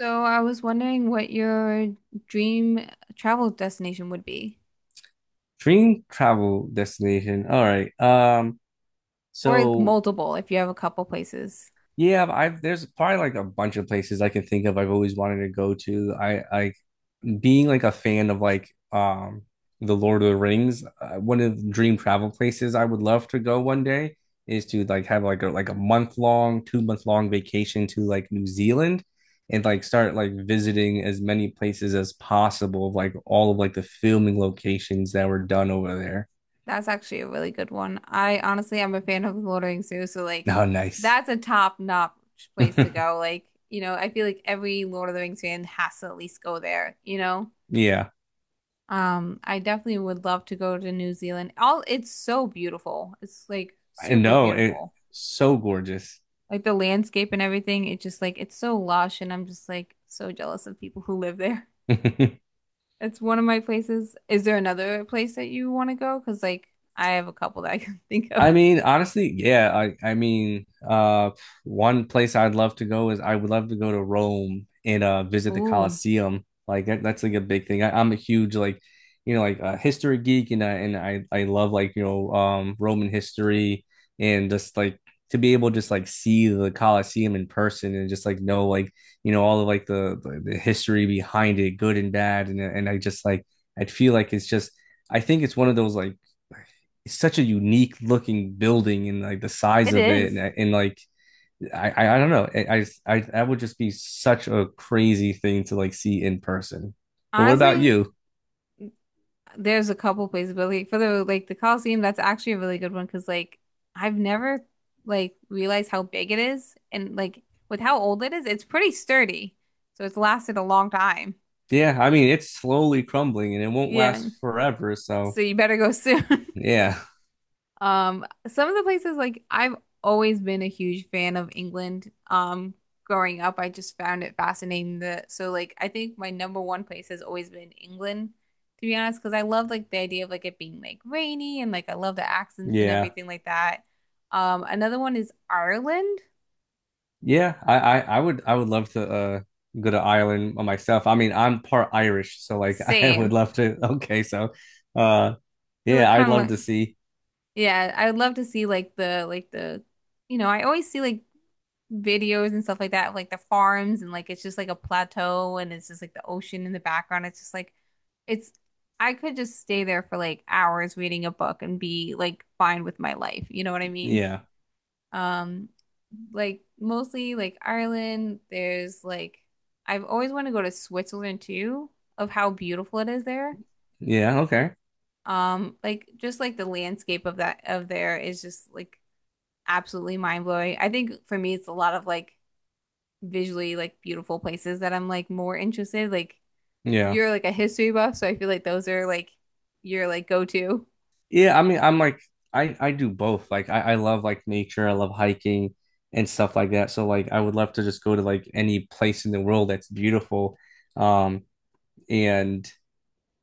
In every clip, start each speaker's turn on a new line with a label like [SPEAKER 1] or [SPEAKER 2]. [SPEAKER 1] So I was wondering what your dream travel destination would be,
[SPEAKER 2] Dream travel destination. All right. Um,
[SPEAKER 1] or like
[SPEAKER 2] so
[SPEAKER 1] multiple if you have a couple places.
[SPEAKER 2] yeah, I've there's probably like a bunch of places I can think of I've always wanted to go to. I being like a fan of like the Lord of the Rings, one of the dream travel places I would love to go one day is to like have like a month long, 2 month long vacation to like New Zealand and like start like visiting as many places as possible of like all of like the filming locations that were done over there.
[SPEAKER 1] That's actually a really good one. I honestly am a fan of the Lord of the Rings too, so like
[SPEAKER 2] Oh, nice.
[SPEAKER 1] that's a top-notch place to go. Like, you know, I feel like every Lord of the Rings fan has to at least go there, you know?
[SPEAKER 2] Yeah.
[SPEAKER 1] I definitely would love to go to New Zealand. All it's so beautiful. It's like
[SPEAKER 2] I
[SPEAKER 1] super
[SPEAKER 2] know. It's
[SPEAKER 1] beautiful.
[SPEAKER 2] so gorgeous.
[SPEAKER 1] Like the landscape and everything, it just like it's so lush and I'm just like so jealous of people who live there. It's one of my places. Is there another place that you want to go? Because like I have a couple that I can think of.
[SPEAKER 2] I mean, honestly, yeah. I mean, one place I'd love to go is I would love to go to Rome and visit the
[SPEAKER 1] Ooh,
[SPEAKER 2] Colosseum. Like that's like a big thing. I'm a huge like, like a history geek, and I love like Roman history and just like to be able to just like see the Colosseum in person and just like know like all of like the history behind it, good and bad, and I just like I'd feel like it's just. I think it's one of those like it's such a unique looking building and like the size
[SPEAKER 1] it
[SPEAKER 2] of it and,
[SPEAKER 1] is.
[SPEAKER 2] and like I don't know, I that would just be such a crazy thing to like see in person. But what about
[SPEAKER 1] Honestly,
[SPEAKER 2] you?
[SPEAKER 1] there's a couple places, but like for the like the Coliseum, that's actually a really good one because like I've never like realized how big it is and like with how old it is, it's pretty sturdy. So it's lasted a long time.
[SPEAKER 2] Yeah, I mean it's slowly crumbling and it won't
[SPEAKER 1] Yeah.
[SPEAKER 2] last forever. So
[SPEAKER 1] So you better go soon.
[SPEAKER 2] yeah,
[SPEAKER 1] Some of the places like I've always been a huge fan of England. Growing up, I just found it fascinating that so like I think my number one place has always been England, to be honest, because I love like the idea of like it being like rainy and like I love the accents and
[SPEAKER 2] yeah,
[SPEAKER 1] everything like that. Another one is Ireland.
[SPEAKER 2] yeah. I would love to go to Ireland myself. I mean I'm part Irish, so like I
[SPEAKER 1] Same.
[SPEAKER 2] would love to. Okay, so uh
[SPEAKER 1] So it
[SPEAKER 2] yeah, I'd
[SPEAKER 1] kind of
[SPEAKER 2] love
[SPEAKER 1] like
[SPEAKER 2] to see.
[SPEAKER 1] yeah, I would love to see like the you know, I always see like videos and stuff like that, of, like the farms and like it's just like a plateau and it's just like the ocean in the background. It's just like it's I could just stay there for like hours reading a book and be like fine with my life. You know what I mean?
[SPEAKER 2] Yeah,
[SPEAKER 1] Um, like mostly like Ireland, there's like I've always wanted to go to Switzerland too, of how beautiful it is there.
[SPEAKER 2] yeah. Okay,
[SPEAKER 1] Like just like the landscape of that of there is just like absolutely mind blowing. I think for me it's a lot of like visually like beautiful places that I'm like more interested. Like
[SPEAKER 2] yeah.
[SPEAKER 1] you're like a history buff, so I feel like those are like your like go to.
[SPEAKER 2] Yeah, I mean, I'm like I do both. Like I love like nature, I love hiking and stuff like that. So like I would love to just go to like any place in the world that's beautiful. Um and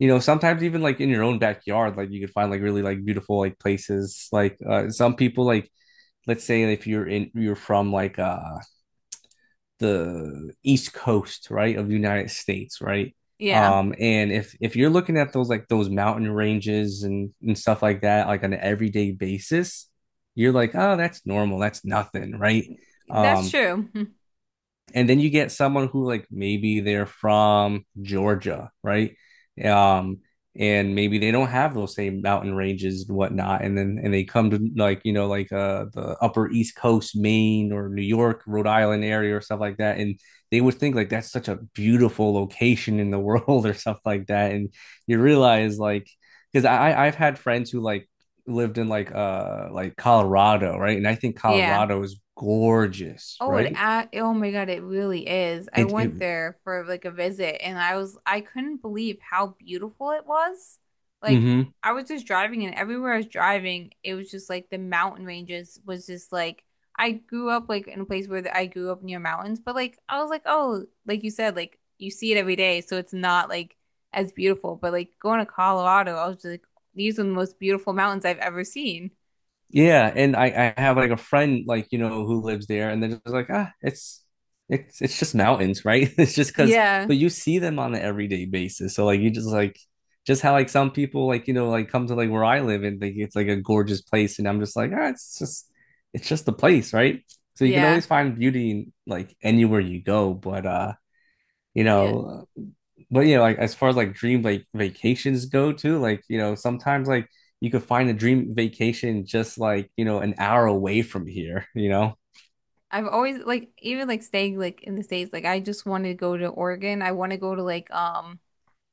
[SPEAKER 2] sometimes even like in your own backyard, like you could find like really like beautiful like places. Like some people like, let's say if you're from like the East Coast, right, of the United States, right?
[SPEAKER 1] Yeah.
[SPEAKER 2] And if you're looking at those like those mountain ranges and stuff like that, like on an everyday basis, you're like, oh, that's normal, that's nothing, right?
[SPEAKER 1] That's
[SPEAKER 2] um
[SPEAKER 1] true.
[SPEAKER 2] and then you get someone who like maybe they're from Georgia, right? Um, and maybe they don't have those same mountain ranges and whatnot, and then and they come to like like the Upper East Coast, Maine or New York, Rhode Island area or stuff like that, and they would think like that's such a beautiful location in the world or stuff like that, and you realize like, because I've had friends who like lived in like Colorado, right? And I think
[SPEAKER 1] Yeah.
[SPEAKER 2] Colorado is gorgeous,
[SPEAKER 1] Oh, it,
[SPEAKER 2] right?
[SPEAKER 1] a oh my God, it really is. I
[SPEAKER 2] It.
[SPEAKER 1] went there for like a visit and I couldn't believe how beautiful it was. Like,
[SPEAKER 2] Hmm.
[SPEAKER 1] I was just driving and everywhere I was driving, it was just like the mountain ranges was just like, I grew up like in a place where I grew up near mountains, but like, I was like, oh, like you said, like you see it every day. So it's not like as beautiful, but like going to Colorado, I was just like, these are the most beautiful mountains I've ever seen.
[SPEAKER 2] Yeah, and I have like a friend like who lives there, and they're just like, ah, it's just mountains, right? It's just because,
[SPEAKER 1] Yeah.
[SPEAKER 2] but you see them on an everyday basis, so like you just like, just how like some people like like come to like where I live and think it's like a gorgeous place, and I'm just like, ah, it's just the place, right? So you can
[SPEAKER 1] Yeah.
[SPEAKER 2] always find beauty in like anywhere you go, but you
[SPEAKER 1] Yeah.
[SPEAKER 2] know. But yeah, like as far as like dream like vacations go too, like sometimes like you could find a dream vacation just like, an hour away from here, you know?
[SPEAKER 1] I've always like even like staying like in the States, like I just want to go to Oregon. I want to go to like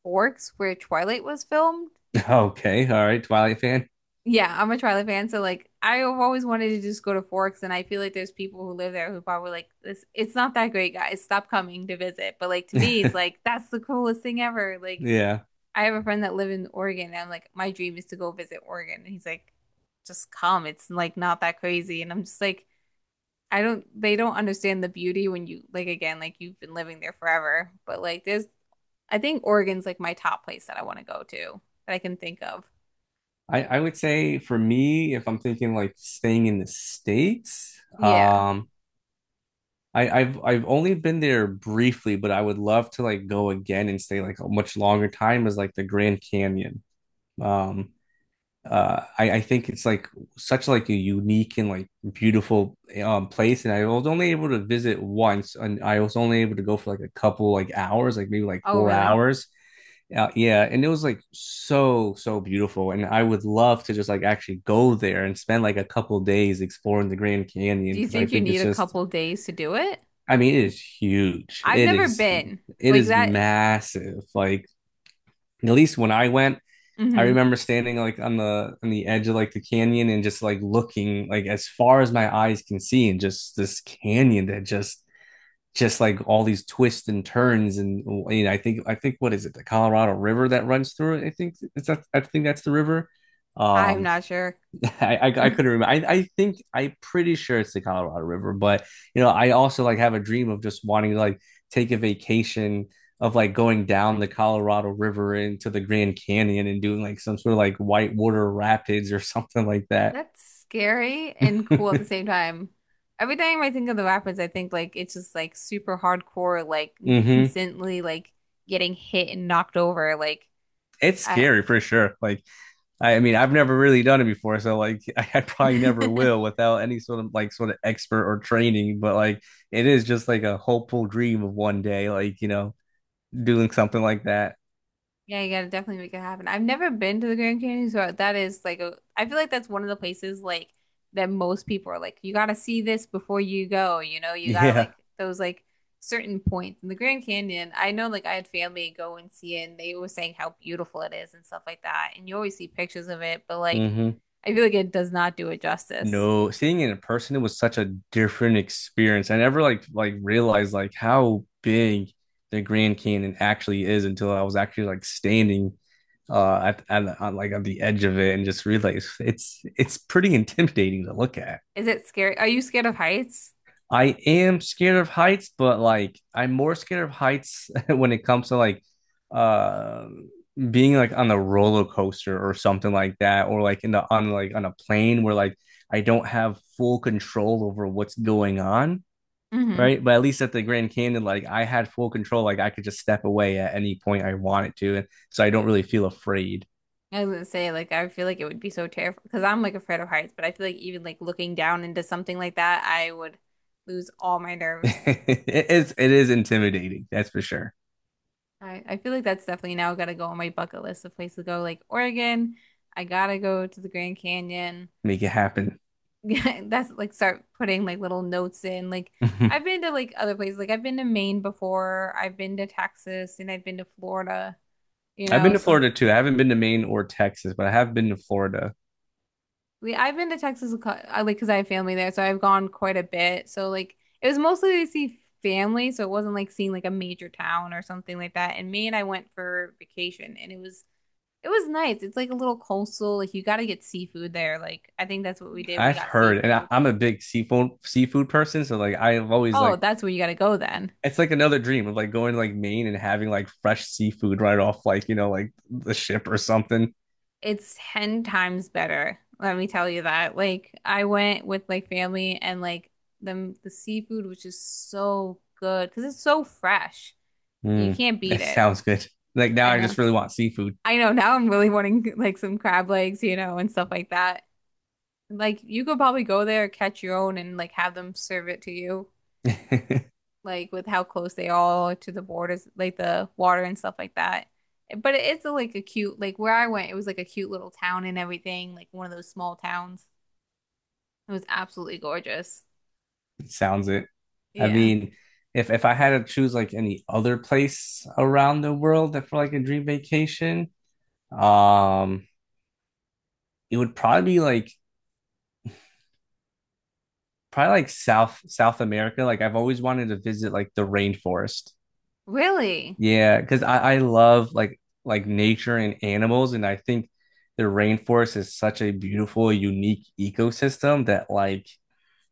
[SPEAKER 1] Forks where Twilight was filmed.
[SPEAKER 2] Okay, all right, Twilight fan.
[SPEAKER 1] Yeah, I'm a Twilight fan, so like I've always wanted to just go to Forks and I feel like there's people who live there who probably like this it's not that great, guys. Stop coming to visit. But like to me it's like that's the coolest thing ever. Like
[SPEAKER 2] Yeah.
[SPEAKER 1] I have a friend that live in Oregon and I'm like my dream is to go visit Oregon and he's like just come. It's like not that crazy and I'm just like I don't they don't understand the beauty when you like again like you've been living there forever but like there's I think Oregon's like my top place that I want to go to that I can think of.
[SPEAKER 2] I would say, for me, if I'm thinking like staying in the States,
[SPEAKER 1] Yeah.
[SPEAKER 2] I've only been there briefly, but I would love to like go again and stay like a much longer time as like the Grand Canyon. Um, I think it's like such like a unique and like beautiful place, and I was only able to visit once and I was only able to go for like a couple like hours, like maybe like
[SPEAKER 1] Oh,
[SPEAKER 2] four
[SPEAKER 1] really?
[SPEAKER 2] hours Yeah, and it was like so beautiful, and I would love to just like actually go there and spend like a couple days exploring the Grand Canyon,
[SPEAKER 1] Do you
[SPEAKER 2] because I
[SPEAKER 1] think you
[SPEAKER 2] think
[SPEAKER 1] need
[SPEAKER 2] it's
[SPEAKER 1] a
[SPEAKER 2] just
[SPEAKER 1] couple days to do it?
[SPEAKER 2] I mean, it is huge,
[SPEAKER 1] I've
[SPEAKER 2] it
[SPEAKER 1] never
[SPEAKER 2] is
[SPEAKER 1] been
[SPEAKER 2] it
[SPEAKER 1] like
[SPEAKER 2] is
[SPEAKER 1] that.
[SPEAKER 2] massive. Like, at least when I went, I
[SPEAKER 1] Hmm.
[SPEAKER 2] remember standing like on the edge of like the canyon and just like looking like as far as my eyes can see, and just this canyon that just like all these twists and turns, and you know, I think, what is it, the Colorado River that runs through it? I think that's the river.
[SPEAKER 1] I'm
[SPEAKER 2] um
[SPEAKER 1] not sure.
[SPEAKER 2] I couldn't remember. I think I'm pretty sure it's the Colorado River, but I also like have a dream of just wanting to like take a vacation of like going down the Colorado River into the Grand Canyon and doing like some sort of like whitewater rapids or something like that.
[SPEAKER 1] That's scary and cool at the same time. Every time I think of the Rapids, I think like it's just like super hardcore, like
[SPEAKER 2] hmm
[SPEAKER 1] constantly like getting hit and knocked over. Like,
[SPEAKER 2] It's
[SPEAKER 1] I
[SPEAKER 2] scary for sure. Like I mean, I've never really done it before, so like I probably never will without any sort of expert or training. But like it is just like a hopeful dream of one day, like doing something like that.
[SPEAKER 1] yeah, you gotta definitely make it happen. I've never been to the Grand Canyon, so that is like I feel like that's one of the places like that most people are like, you gotta see this before you go, you know, you gotta
[SPEAKER 2] Yeah.
[SPEAKER 1] like those like certain points in the Grand Canyon. I know like I had family go and see it and they were saying how beautiful it is and stuff like that. And you always see pictures of it, but like
[SPEAKER 2] hmm
[SPEAKER 1] I feel like it does not do it justice.
[SPEAKER 2] No, seeing it in person, it was such a different experience. I never like realized like how big the Grand Canyon actually is until I was actually like standing on the edge of it and just realized it's pretty intimidating to look at.
[SPEAKER 1] Is it scary? Are you scared of heights?
[SPEAKER 2] I am scared of heights, but like I'm more scared of heights when it comes to like uh being like on a roller coaster or something like that, or like in the on a plane, where like I don't have full control over what's going on,
[SPEAKER 1] Hmm.
[SPEAKER 2] right? But at least at the Grand Canyon, like I had full control, like I could just step away at any point I wanted to, and so I don't really feel afraid.
[SPEAKER 1] I was gonna say, like, I feel like it would be so terrifying because I'm like afraid of heights, but I feel like even like looking down into something like that, I would lose all my nerves.
[SPEAKER 2] It is intimidating, that's for sure.
[SPEAKER 1] I feel like that's definitely now gotta go on my bucket list of places to go, like Oregon. I gotta go to the Grand Canyon.
[SPEAKER 2] Make it happen.
[SPEAKER 1] That's like start putting like little notes in. Like, I've been to like other places, like, I've been to Maine before, I've been to Texas, and I've been to Florida, you
[SPEAKER 2] I've been
[SPEAKER 1] know,
[SPEAKER 2] to
[SPEAKER 1] so
[SPEAKER 2] Florida too. I haven't been to Maine or Texas, but I have been to Florida.
[SPEAKER 1] we I've been to Texas a like because I have family there, so I've gone quite a bit. So like it was mostly to see family, so it wasn't like seeing like a major town or something like that. And Maine, I went for vacation, and it was nice. It's like a little coastal. Like you got to get seafood there. Like I think that's what we did. We
[SPEAKER 2] I've
[SPEAKER 1] got
[SPEAKER 2] heard, and I,
[SPEAKER 1] seafood.
[SPEAKER 2] I'm a big seafood person, so like I've always
[SPEAKER 1] Oh,
[SPEAKER 2] like
[SPEAKER 1] that's where you got to go then.
[SPEAKER 2] it's like another dream of like going to like Maine and having like fresh seafood right off like like the ship or something.
[SPEAKER 1] It's 10 times better. Let me tell you that. Like I went with like family and like them the seafood was just so good because it's so fresh and you
[SPEAKER 2] Mm,
[SPEAKER 1] can't beat
[SPEAKER 2] that
[SPEAKER 1] it.
[SPEAKER 2] sounds good. Like, now
[SPEAKER 1] I
[SPEAKER 2] I
[SPEAKER 1] know.
[SPEAKER 2] just really want seafood.
[SPEAKER 1] I know. Now I'm really wanting like some crab legs, you know, and stuff like that. Like you could probably go there, catch your own, and like have them serve it to you,
[SPEAKER 2] It
[SPEAKER 1] like with how close they all are to the borders, like the water and stuff like that. But it is like a cute, like where I went, it was like a cute little town and everything, like one of those small towns. It was absolutely gorgeous.
[SPEAKER 2] sounds it. I
[SPEAKER 1] Yeah.
[SPEAKER 2] mean, if I had to choose like any other place around the world that for like a dream vacation, um, it would probably like South America. Like I've always wanted to visit like the rainforest.
[SPEAKER 1] Really?
[SPEAKER 2] Yeah, because I love like nature and animals, and I think the rainforest is such a beautiful, unique ecosystem that, like,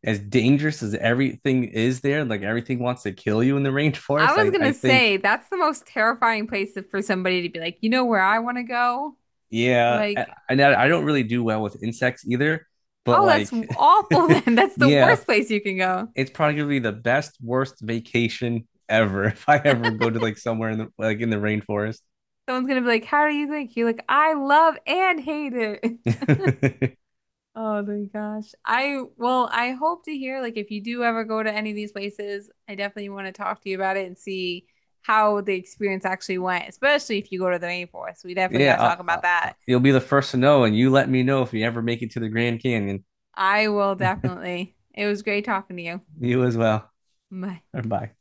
[SPEAKER 2] as dangerous as everything is there, like everything wants to kill you in the
[SPEAKER 1] I
[SPEAKER 2] rainforest.
[SPEAKER 1] was
[SPEAKER 2] I
[SPEAKER 1] gonna
[SPEAKER 2] think,
[SPEAKER 1] say that's the most terrifying place for somebody to be like, you know where I want to go?
[SPEAKER 2] yeah,
[SPEAKER 1] Like
[SPEAKER 2] and I don't really do well with insects either, but
[SPEAKER 1] oh, that's
[SPEAKER 2] like
[SPEAKER 1] awful then. That's the
[SPEAKER 2] yeah,
[SPEAKER 1] worst place you can go.
[SPEAKER 2] it's probably gonna be the best worst vacation ever if I ever go to like somewhere in the rainforest.
[SPEAKER 1] Someone's gonna be like, "How do you think?" You're like, "I love and hate it." Oh my gosh. I well, I hope to hear like if you do ever go to any of these places, I definitely want to talk to you about it and see how the experience actually went, especially if you go to the rainforest. We definitely gotta
[SPEAKER 2] Yeah,
[SPEAKER 1] talk about that.
[SPEAKER 2] you'll be the first to know, and you let me know if you ever make it to the Grand Canyon.
[SPEAKER 1] I will definitely. It was great talking to you.
[SPEAKER 2] You as well.
[SPEAKER 1] Bye.
[SPEAKER 2] Bye.